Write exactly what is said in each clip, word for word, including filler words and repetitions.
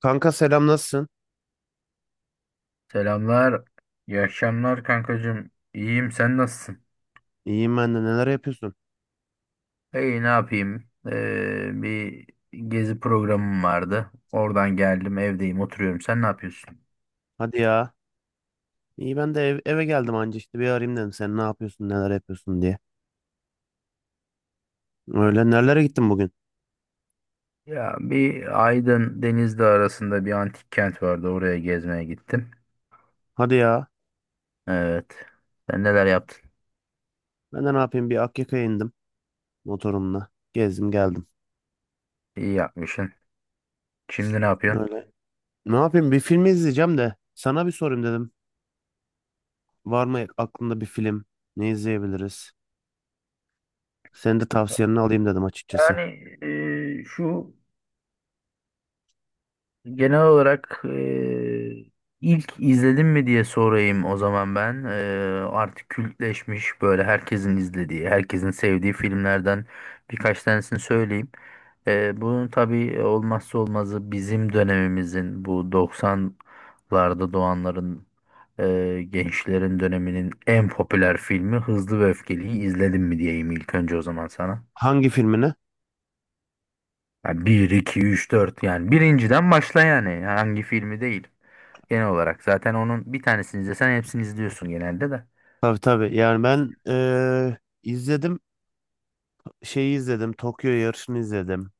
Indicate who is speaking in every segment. Speaker 1: Kanka, selam, nasılsın?
Speaker 2: Selamlar. İyi akşamlar kankacığım. İyiyim, sen nasılsın?
Speaker 1: İyiyim, ben de. Neler yapıyorsun?
Speaker 2: İyi, ne yapayım? Ee, bir gezi programım vardı. Oradan geldim, evdeyim, oturuyorum. Sen ne yapıyorsun?
Speaker 1: Hadi ya. İyi, ben de ev- eve geldim anca, işte bir arayayım dedim, sen ne yapıyorsun, neler yapıyorsun diye. Öyle, nerelere gittin bugün?
Speaker 2: Ya bir Aydın Denizli arasında bir antik kent vardı. Oraya gezmeye gittim.
Speaker 1: Hadi ya.
Speaker 2: Evet. Sen neler yaptın?
Speaker 1: Ben de ne yapayım, bir Akyaka'ya indim motorumla. Gezdim geldim.
Speaker 2: İyi yapmışsın. Şimdi ne yapıyorsun?
Speaker 1: Öyle. Ne yapayım, bir film izleyeceğim de sana bir sorayım dedim. Var mı aklında bir film? Ne izleyebiliriz? Senin de tavsiyenini alayım dedim açıkçası.
Speaker 2: Yani e, şu Genel olarak eee, ilk izledim mi diye sorayım o zaman ben. Eee, artık kültleşmiş, böyle herkesin izlediği, herkesin sevdiği filmlerden birkaç tanesini söyleyeyim. Eee bunun tabii olmazsa olmazı, bizim dönemimizin, bu doksanlarda doğanların, eee, gençlerin döneminin en popüler filmi Hızlı ve Öfkeli'yi izledim mi diyeyim ilk önce o zaman sana.
Speaker 1: Hangi filmini?
Speaker 2: Yani bir, iki, üç, dört, yani birinciden başla, yani hangi filmi değil. Genel olarak zaten onun bir tanesini izlesen hepsini izliyorsun genelde de.
Speaker 1: Tabii tabii, yani ben eee, izledim, şeyi izledim, Tokyo yarışını izledim.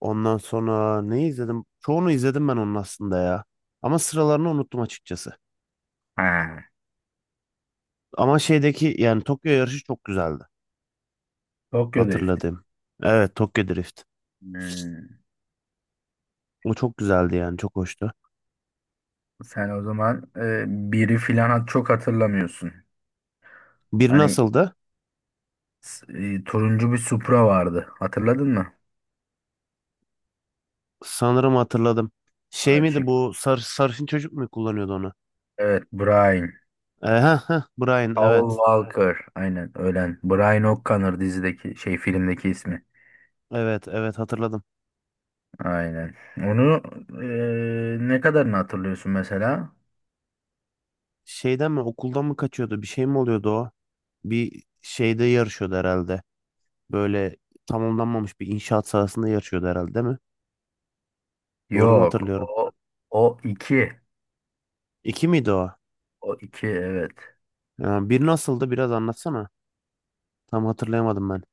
Speaker 1: Ondan sonra ne izledim? Çoğunu izledim ben onun aslında ya. Ama sıralarını unuttum açıkçası.
Speaker 2: Ha.
Speaker 1: Ama şeydeki, yani Tokyo yarışı çok güzeldi.
Speaker 2: Tokyo Drift.
Speaker 1: Hatırladım. Evet, Tokyo Drift.
Speaker 2: Hmm.
Speaker 1: O çok güzeldi, yani çok hoştu.
Speaker 2: Sen o zaman e, biri filan hat- çok hatırlamıyorsun.
Speaker 1: Bir
Speaker 2: Hani
Speaker 1: nasıldı?
Speaker 2: s- e, turuncu bir Supra vardı. Hatırladın mı?
Speaker 1: Sanırım hatırladım. Şey miydi
Speaker 2: Açık.
Speaker 1: bu sar, sarışın çocuk mu kullanıyordu onu?
Speaker 2: Evet, Brian.
Speaker 1: E, heh, heh, Brian,
Speaker 2: Paul
Speaker 1: evet.
Speaker 2: Walker. Aynen, ölen. Brian O'Connor dizideki şey, filmdeki ismi.
Speaker 1: Evet, evet, hatırladım.
Speaker 2: Aynen. Onu eee, ne kadarını hatırlıyorsun mesela?
Speaker 1: Şeyden mi, okuldan mı kaçıyordu? Bir şey mi oluyordu o? Bir şeyde yarışıyordu herhalde. Böyle tamamlanmamış bir inşaat sahasında yarışıyordu herhalde, değil mi? Doğru mu
Speaker 2: Yok.
Speaker 1: hatırlıyorum?
Speaker 2: O, o iki.
Speaker 1: İki miydi o?
Speaker 2: O iki, evet.
Speaker 1: Ya bir nasıldı, biraz anlatsana. Tam hatırlayamadım ben.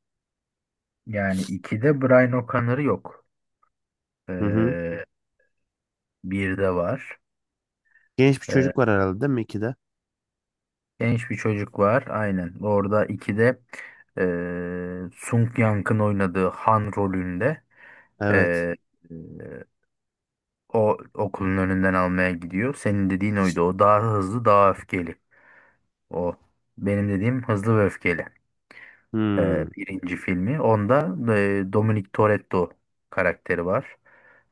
Speaker 2: Yani ikide Brian O'Connor'ı yok.
Speaker 1: Hı hı.
Speaker 2: Eee Birde var.
Speaker 1: Genç bir çocuk
Speaker 2: Eee,
Speaker 1: var herhalde, değil mi, ikide?
Speaker 2: Genç bir çocuk var. Aynen. Orada ikide eee Sung Yang'ın oynadığı Han rolünde
Speaker 1: Evet.
Speaker 2: eee eee, o okulun önünden almaya gidiyor. Senin dediğin oydu. O daha hızlı, daha öfkeli. O. Benim dediğim hızlı ve öfkeli. Ee,
Speaker 1: Hmm.
Speaker 2: birinci filmi. Onda e, Dominic Toretto karakteri var.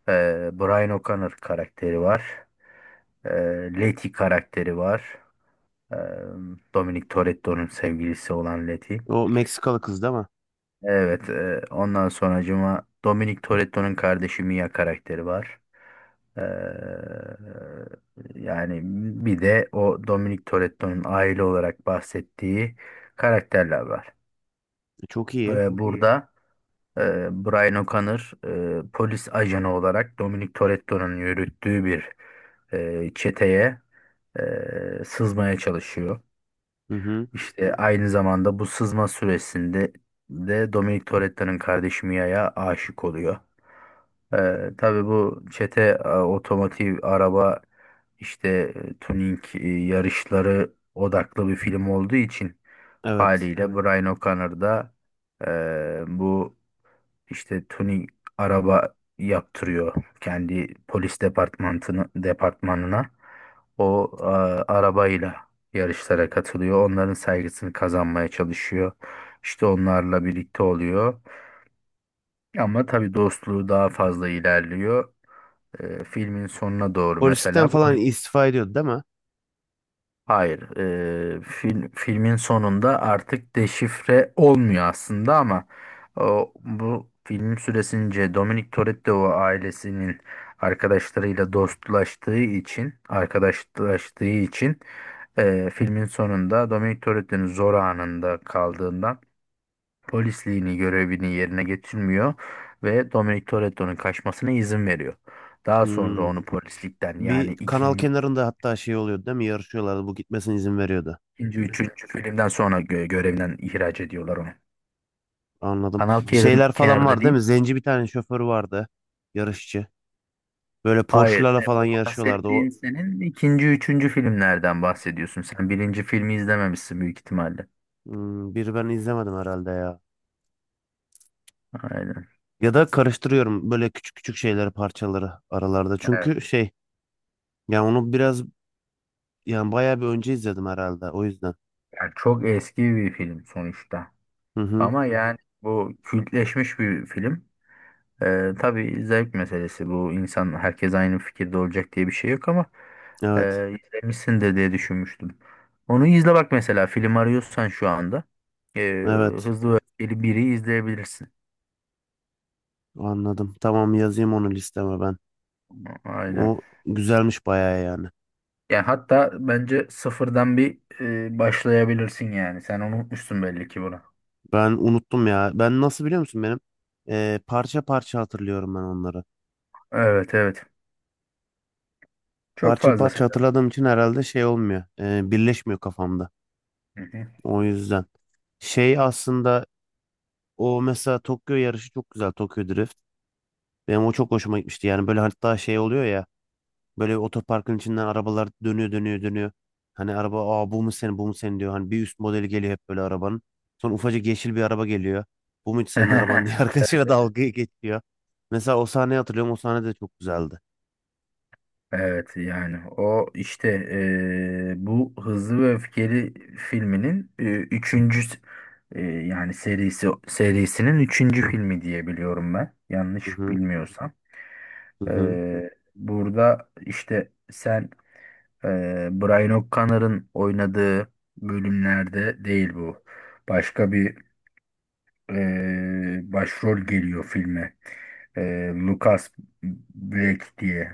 Speaker 2: Ee, Brian O'Connor karakteri var. Ee, Letty karakteri var. Ee, Dominic Toretto'nun sevgilisi olan Letty.
Speaker 1: O Meksikalı kız değil mi?
Speaker 2: Evet. E, ondan sonracıma Dominic Toretto'nun kardeşi Mia karakteri var. Ee, Yani bir de o Dominic Toretto'nun aile olarak bahsettiği karakterler var.
Speaker 1: E, Çok iyi.
Speaker 2: Ve burada e, Brian O'Connor e, polis ajanı olarak Dominic Toretto'nun yürüttüğü bir e, çeteye e, sızmaya çalışıyor.
Speaker 1: Hı hı.
Speaker 2: İşte aynı zamanda bu sızma süresinde de Dominic Toretto'nun kardeşi Mia'ya aşık oluyor. Ee, tabii bu çete e, otomotiv, araba işte, e, tuning, e, yarışları odaklı bir film olduğu için
Speaker 1: Evet.
Speaker 2: haliyle. Evet. Brian O'Connor da e, bu işte tuning araba yaptırıyor kendi polis departmanını departmanına. O e, arabayla yarışlara katılıyor. Onların saygısını kazanmaya çalışıyor. İşte onlarla birlikte oluyor. Ama tabii dostluğu daha fazla ilerliyor. E, filmin sonuna doğru mesela
Speaker 1: Polislikten falan
Speaker 2: poli-
Speaker 1: istifa ediyordu değil mi?
Speaker 2: hayır, e, film filmin sonunda artık deşifre olmuyor aslında, ama o, bu film süresince Dominic Toretto ailesinin arkadaşlarıyla dostlaştığı için, arkadaşlaştığı için, e, filmin sonunda Dominic Toretto'nun zor anında kaldığından polisliğini, görevini yerine getirmiyor ve Dominic Toretto'nun kaçmasına izin veriyor. Daha sonra
Speaker 1: Hmm.
Speaker 2: onu polislikten,
Speaker 1: Bir
Speaker 2: yani Hmm.
Speaker 1: kanal
Speaker 2: ikinci,
Speaker 1: kenarında hatta şey oluyordu değil mi? Yarışıyorlardı. Bu gitmesine izin veriyordu.
Speaker 2: İkinci, üçüncü filmden sonra gö- görevinden ihraç ediyorlar onu.
Speaker 1: Anladım.
Speaker 2: Kanal kenarı-
Speaker 1: Şeyler falan
Speaker 2: kenarında
Speaker 1: var değil mi?
Speaker 2: değil.
Speaker 1: Zenci bir tane şoförü vardı. Yarışçı. Böyle
Speaker 2: Hayır,
Speaker 1: Porsche'larla
Speaker 2: e,
Speaker 1: falan
Speaker 2: bu
Speaker 1: yarışıyorlardı. O
Speaker 2: bahsettiğin senin ikinci, üçüncü filmlerden bahsediyorsun. Sen birinci filmi izlememişsin büyük ihtimalle.
Speaker 1: hmm, biri ben izlemedim herhalde ya.
Speaker 2: Aynen.
Speaker 1: Ya da karıştırıyorum böyle küçük küçük şeyleri, parçaları aralarda.
Speaker 2: Evet.
Speaker 1: Çünkü şey, yani onu biraz, yani bayağı bir önce izledim herhalde, o yüzden.
Speaker 2: Yani çok eski bir film sonuçta.
Speaker 1: Hı hı.
Speaker 2: Ama yani bu kültleşmiş bir film. Ee, tabii zevk meselesi bu, insan herkes aynı fikirde olacak diye bir şey yok ama
Speaker 1: Evet.
Speaker 2: e, izlemişsindir diye düşünmüştüm. Onu izle bak, mesela film arıyorsan şu anda e,
Speaker 1: Evet.
Speaker 2: Hızlı ve Öfkeli biri izleyebilirsin.
Speaker 1: Anladım. Tamam, yazayım onu listeme ben.
Speaker 2: Aynen.
Speaker 1: O güzelmiş bayağı yani.
Speaker 2: Yani hatta bence sıfırdan bir e, başlayabilirsin yani. Sen unutmuşsun belli ki bunu.
Speaker 1: Ben unuttum ya. Ben nasıl biliyor musun benim? Ee, parça parça hatırlıyorum ben onları.
Speaker 2: Evet, evet. Çok
Speaker 1: Parça
Speaker 2: fazla
Speaker 1: parça
Speaker 2: sever.
Speaker 1: hatırladığım için herhalde şey olmuyor. Ee, birleşmiyor kafamda.
Speaker 2: Hı hı.
Speaker 1: O yüzden. Şey aslında, o mesela Tokyo yarışı çok güzel. Tokyo Drift. Benim o çok hoşuma gitmişti. Yani böyle hatta şey oluyor ya. Böyle otoparkın içinden arabalar dönüyor dönüyor dönüyor. Hani araba, aa bu mu senin, bu mu senin diyor. Hani bir üst modeli geliyor hep böyle arabanın. Sonra ufacık yeşil bir araba geliyor. Bu mu hiç senin araban diye arkadaşıyla dalga geçiyor. Mesela o sahneyi hatırlıyorum. O sahne de çok güzeldi.
Speaker 2: Evet, yani o işte eee, bu Hızlı ve Öfkeli filminin, eee, üçüncü s- eee, yani serisi serisinin üçüncü filmi diye biliyorum ben,
Speaker 1: Hı
Speaker 2: yanlış
Speaker 1: hı,
Speaker 2: bilmiyorsam.
Speaker 1: hı hı.
Speaker 2: Eee, burada işte sen eee Brian O'Connor'ın oynadığı bölümlerde değil bu. Başka bir eee, başrol geliyor filme. Eee Lucas Black diye.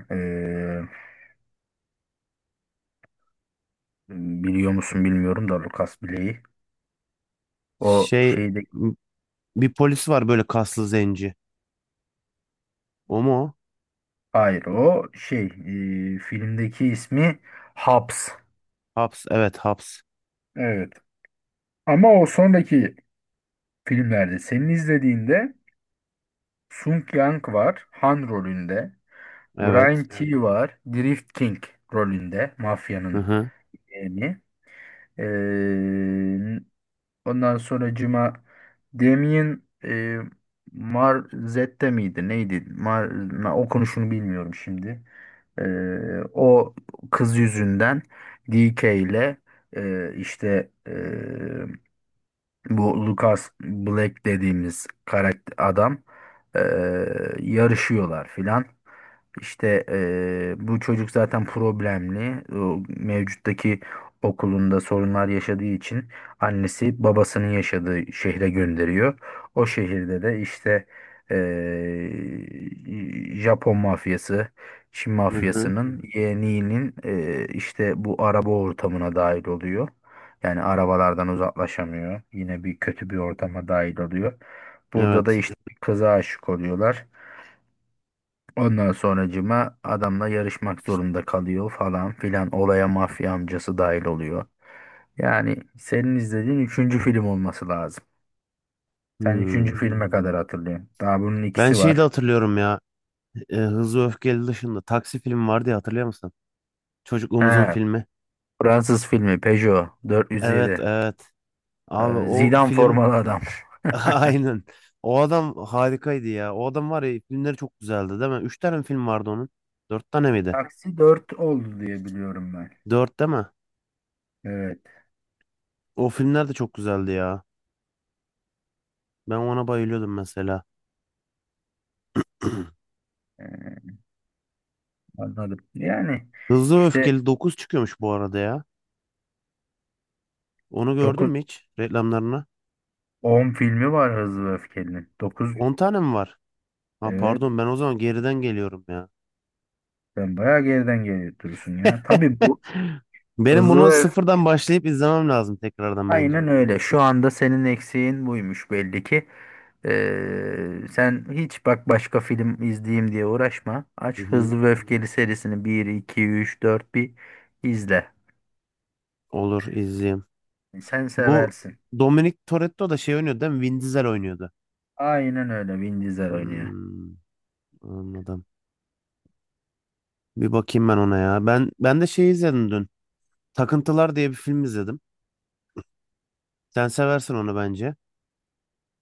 Speaker 2: Biliyor musun bilmiyorum da Lucas Blake'i. O
Speaker 1: Şey,
Speaker 2: şeyde,
Speaker 1: m- bir polis var böyle, kaslı zenci. O mu o?
Speaker 2: hayır o şey, e, filmdeki ismi Hobbs.
Speaker 1: Haps. Evet, Haps.
Speaker 2: Evet. Ama o sonraki filmlerde senin izlediğinde Sung Yang var Han rolünde. Brian.
Speaker 1: Evet.
Speaker 2: Evet. T var Drift King rolünde,
Speaker 1: Hı
Speaker 2: mafyanın
Speaker 1: hı.
Speaker 2: yeğeni. Ee, Ondan sonra Cuma Damien, e, Marzette miydi? Neydi? Mar, na- okunuşunu bilmiyorum şimdi. E, O kız yüzünden D K ile, e, işte e, bu Lucas Black dediğimiz karakter adam, eee, yarışıyorlar filan. İşte eee, bu çocuk zaten problemli. O mevcuttaki okulunda sorunlar yaşadığı için annesi babasının yaşadığı şehre gönderiyor. O şehirde de işte eee, Japon mafyası, Çin
Speaker 1: Hı hı.
Speaker 2: mafyasının yeğeninin, eee, işte bu araba ortamına dahil oluyor. Yani arabalardan uzaklaşamıyor. Yine bir kötü bir ortama dahil oluyor. Burada da
Speaker 1: Evet.
Speaker 2: işte bir kıza aşık oluyorlar. Ondan sonracıma adamla yarışmak zorunda kalıyor falan filan. Olaya mafya amcası dahil oluyor. Yani senin izlediğin üçüncü film olması lazım. Sen üçüncü
Speaker 1: Hmm.
Speaker 2: filme kadar hatırlıyorsun. Daha bunun
Speaker 1: Ben
Speaker 2: ikisi
Speaker 1: şeyi de
Speaker 2: var.
Speaker 1: hatırlıyorum ya. e, Hızlı Öfkeli dışında Taksi filmi vardı ya, hatırlıyor musun?
Speaker 2: He.
Speaker 1: Çocukluğumuzun filmi.
Speaker 2: Fransız filmi Peugeot
Speaker 1: Evet,
Speaker 2: dört yüz yedi.
Speaker 1: evet. Abi
Speaker 2: Ee,
Speaker 1: o
Speaker 2: Zidane
Speaker 1: film
Speaker 2: formalı adam.
Speaker 1: aynen. O adam harikaydı ya. O adam var ya, filmleri çok güzeldi değil mi? Üç tane mi film vardı onun. Dört tane miydi?
Speaker 2: Taksi dört oldu diye biliyorum ben.
Speaker 1: Dört değil mi?
Speaker 2: Evet,
Speaker 1: O filmler de çok güzeldi ya. Ben ona bayılıyordum mesela.
Speaker 2: yani. Anladım. Yani
Speaker 1: Hızlı ve
Speaker 2: işte
Speaker 1: Öfkeli dokuz çıkıyormuş bu arada ya. Onu gördün
Speaker 2: dokuz
Speaker 1: mü hiç reklamlarına?
Speaker 2: on filmi var Hızlı ve Öfkeli'nin. Dokuz,
Speaker 1: On tane mi var? Ha,
Speaker 2: evet,
Speaker 1: pardon, ben o zaman geriden geliyorum ya.
Speaker 2: sen bayağı geriden geliyorsun ya. Tabii bu
Speaker 1: Benim
Speaker 2: Hızlı
Speaker 1: bunu
Speaker 2: ve Öfkeli,
Speaker 1: sıfırdan başlayıp izlemem lazım tekrardan bence.
Speaker 2: aynen öyle. Şu anda senin eksiğin buymuş belli ki. Ee, sen hiç bak başka film izleyeyim diye uğraşma.
Speaker 1: Hı
Speaker 2: Aç
Speaker 1: hı.
Speaker 2: Hızlı ve Öfkeli serisini, bir, iki, üç, dört, bir izle.
Speaker 1: Olur, izleyeyim.
Speaker 2: Sen
Speaker 1: Bu
Speaker 2: seversin.
Speaker 1: Dominic Toretto da şey oynuyordu değil mi? Vin Diesel oynuyordu.
Speaker 2: Aynen öyle, Vin Diesel oynuyor.
Speaker 1: Hmm, anladım. Bir bakayım ben ona ya. Ben ben de şey izledim dün. Takıntılar diye bir film izledim. Sen seversin onu bence.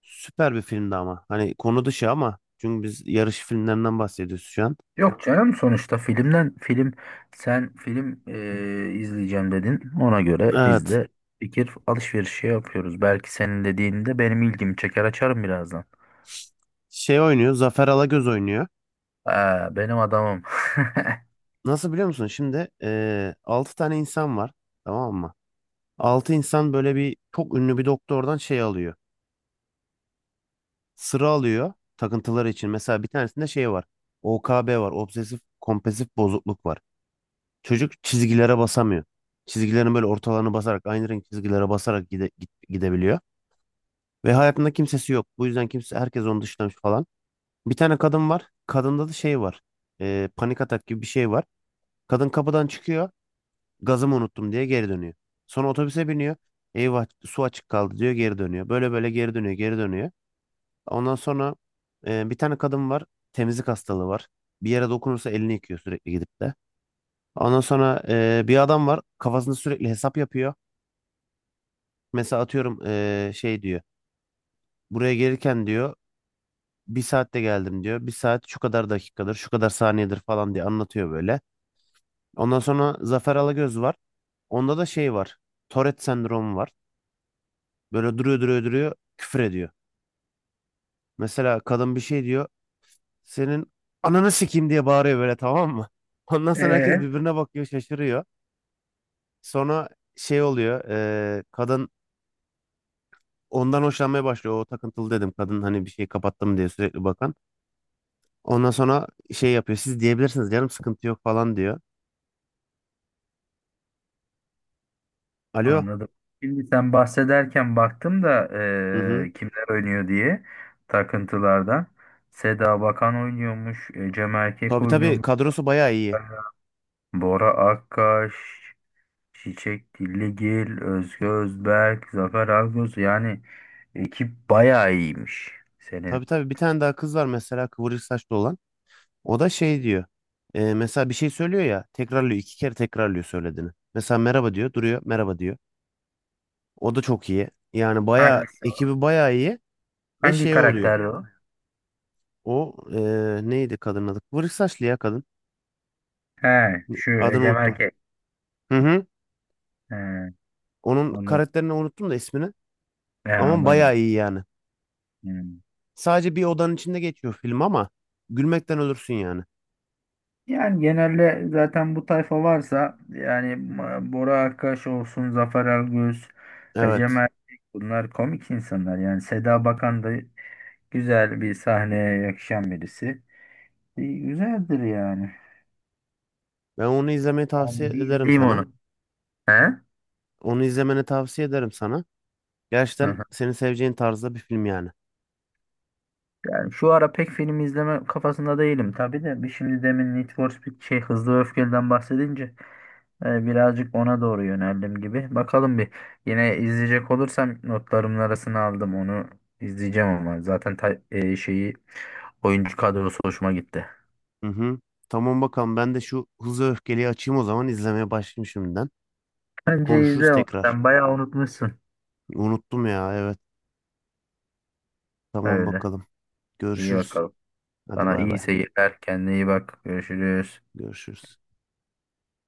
Speaker 1: Süper bir filmdi ama. Hani konu dışı ama. Çünkü biz yarış filmlerinden bahsediyoruz şu an.
Speaker 2: Yok canım, sonuçta filmden film, sen film e, izleyeceğim dedin. Ona göre biz
Speaker 1: Evet.
Speaker 2: de fikir alışverişi yapıyoruz. Belki senin dediğinde benim ilgimi çeker, açarım birazdan.
Speaker 1: Şey oynuyor. Zafer Alagöz oynuyor.
Speaker 2: Aa, benim adamım.
Speaker 1: Nasıl biliyor musun? Şimdi eee altı tane insan var. Tamam mı? Altı insan böyle, bir çok ünlü bir doktordan şey alıyor. Sıra alıyor takıntıları için. Mesela bir tanesinde şey var. O K B var. Obsesif kompulsif bozukluk var. Çocuk çizgilere basamıyor. Çizgilerin böyle ortalarını basarak, aynı renk çizgilere basarak gide- git- gidebiliyor. Ve hayatında kimsesi yok. Bu yüzden kimse, herkes onu dışlamış falan. Bir tane kadın var. Kadında da şey var. Eee, panik atak gibi bir şey var. Kadın kapıdan çıkıyor. Gazımı unuttum diye geri dönüyor. Sonra otobüse biniyor. Eyvah su açık kaldı diyor, geri dönüyor. Böyle böyle geri dönüyor, geri dönüyor. Ondan sonra e, bir tane kadın var. Temizlik hastalığı var. Bir yere dokunursa elini yıkıyor sürekli, gidip de. Ondan sonra e, bir adam var. Kafasında sürekli hesap yapıyor. Mesela atıyorum, e, şey diyor. Buraya gelirken diyor bir saatte geldim diyor. Bir saat şu kadar dakikadır, şu kadar saniyedir falan diye anlatıyor böyle. Ondan sonra Zafer Alagöz var. Onda da şey var. Tourette sendromu var. Böyle duruyor duruyor duruyor, küfür ediyor. Mesela kadın bir şey diyor. Senin ananı sikeyim diye bağırıyor böyle, tamam mı? Ondan sonra herkes
Speaker 2: Ee,
Speaker 1: birbirine bakıyor, şaşırıyor. Sonra şey oluyor. eee, kadın ondan hoşlanmaya başlıyor. O takıntılı dedim, kadın hani bir şey kapattım diye sürekli bakan. Ondan sonra şey yapıyor. Siz diyebilirsiniz, canım sıkıntı yok falan diyor. Alo.
Speaker 2: Anladım. Şimdi sen bahsederken baktım da
Speaker 1: Hı hı.
Speaker 2: e, kimler oynuyor diye takıntılardan. Seda Bakan oynuyormuş, e, Cem Erkek
Speaker 1: Tabii tabii,
Speaker 2: oynuyormuş,
Speaker 1: kadrosu bayağı iyi.
Speaker 2: Bora Akkaş, Çiçek Dilligil, Özge Özberk, Zafer Algöz, yani ekip bayağı iyiymiş.
Speaker 1: Tabii
Speaker 2: Senin
Speaker 1: tabii, bir tane daha kız var mesela, kıvırcık saçlı olan. O da şey diyor. e, mesela bir şey söylüyor ya, tekrarlıyor, iki kere tekrarlıyor söylediğini. Mesela merhaba diyor, duruyor, merhaba diyor. O da çok iyi. Yani bayağı
Speaker 2: hangisi? O?
Speaker 1: ekibi bayağı iyi ve
Speaker 2: Hangi
Speaker 1: şey oluyor.
Speaker 2: karakterdi o?
Speaker 1: O, e, neydi kadının adı? Kıvırcık saçlı ya kadın.
Speaker 2: He, şu
Speaker 1: Adını
Speaker 2: Ecem
Speaker 1: unuttum.
Speaker 2: Erkek.
Speaker 1: Hı hı.
Speaker 2: He,
Speaker 1: Onun
Speaker 2: anladım.
Speaker 1: karakterini unuttum da, ismini.
Speaker 2: He,
Speaker 1: Ama
Speaker 2: anladım.
Speaker 1: bayağı iyi yani.
Speaker 2: Hmm.
Speaker 1: Sadece bir odanın içinde geçiyor film ama gülmekten ölürsün yani.
Speaker 2: Yani genelde zaten bu tayfa varsa yani, Ma- Bora Akkaş olsun, Zafer Algöz, Ecem
Speaker 1: Evet.
Speaker 2: Erkek, bunlar komik insanlar. Yani Seda Bakan da güzel bir sahneye yakışan birisi. E, Güzeldir yani.
Speaker 1: Ben onu izlemeyi tavsiye
Speaker 2: Ben bir
Speaker 1: ederim
Speaker 2: izleyeyim
Speaker 1: sana.
Speaker 2: onu. He? Hı
Speaker 1: Onu izlemeni tavsiye ederim sana. Gerçekten
Speaker 2: hı.
Speaker 1: seni seveceğin tarzda bir film yani.
Speaker 2: Yani şu ara pek film izleme kafasında değilim tabii de bir, şimdi demin Need for Speed, şey Hızlı ve Öfkeli'den bahsedince e, birazcık ona doğru yöneldim gibi. Bakalım, bir yine izleyecek olursam notlarımın arasına aldım onu, izleyeceğim, ama zaten ta- e, şeyi, oyuncu kadrosu hoşuma gitti.
Speaker 1: Hı hı. Tamam bakalım, ben de şu Hızlı Öfkeli'yi açayım o zaman, izlemeye başlayayım şimdiden.
Speaker 2: Bence
Speaker 1: Konuşuruz
Speaker 2: izle onu.
Speaker 1: tekrar.
Speaker 2: Sen bayağı unutmuşsun.
Speaker 1: Unuttum ya, evet. Tamam
Speaker 2: Öyle.
Speaker 1: bakalım.
Speaker 2: İyi
Speaker 1: Görüşürüz.
Speaker 2: bakalım.
Speaker 1: Hadi,
Speaker 2: Sana
Speaker 1: bay
Speaker 2: iyi
Speaker 1: bay.
Speaker 2: seyirler. Kendine iyi bak. Görüşürüz.
Speaker 1: Görüşürüz.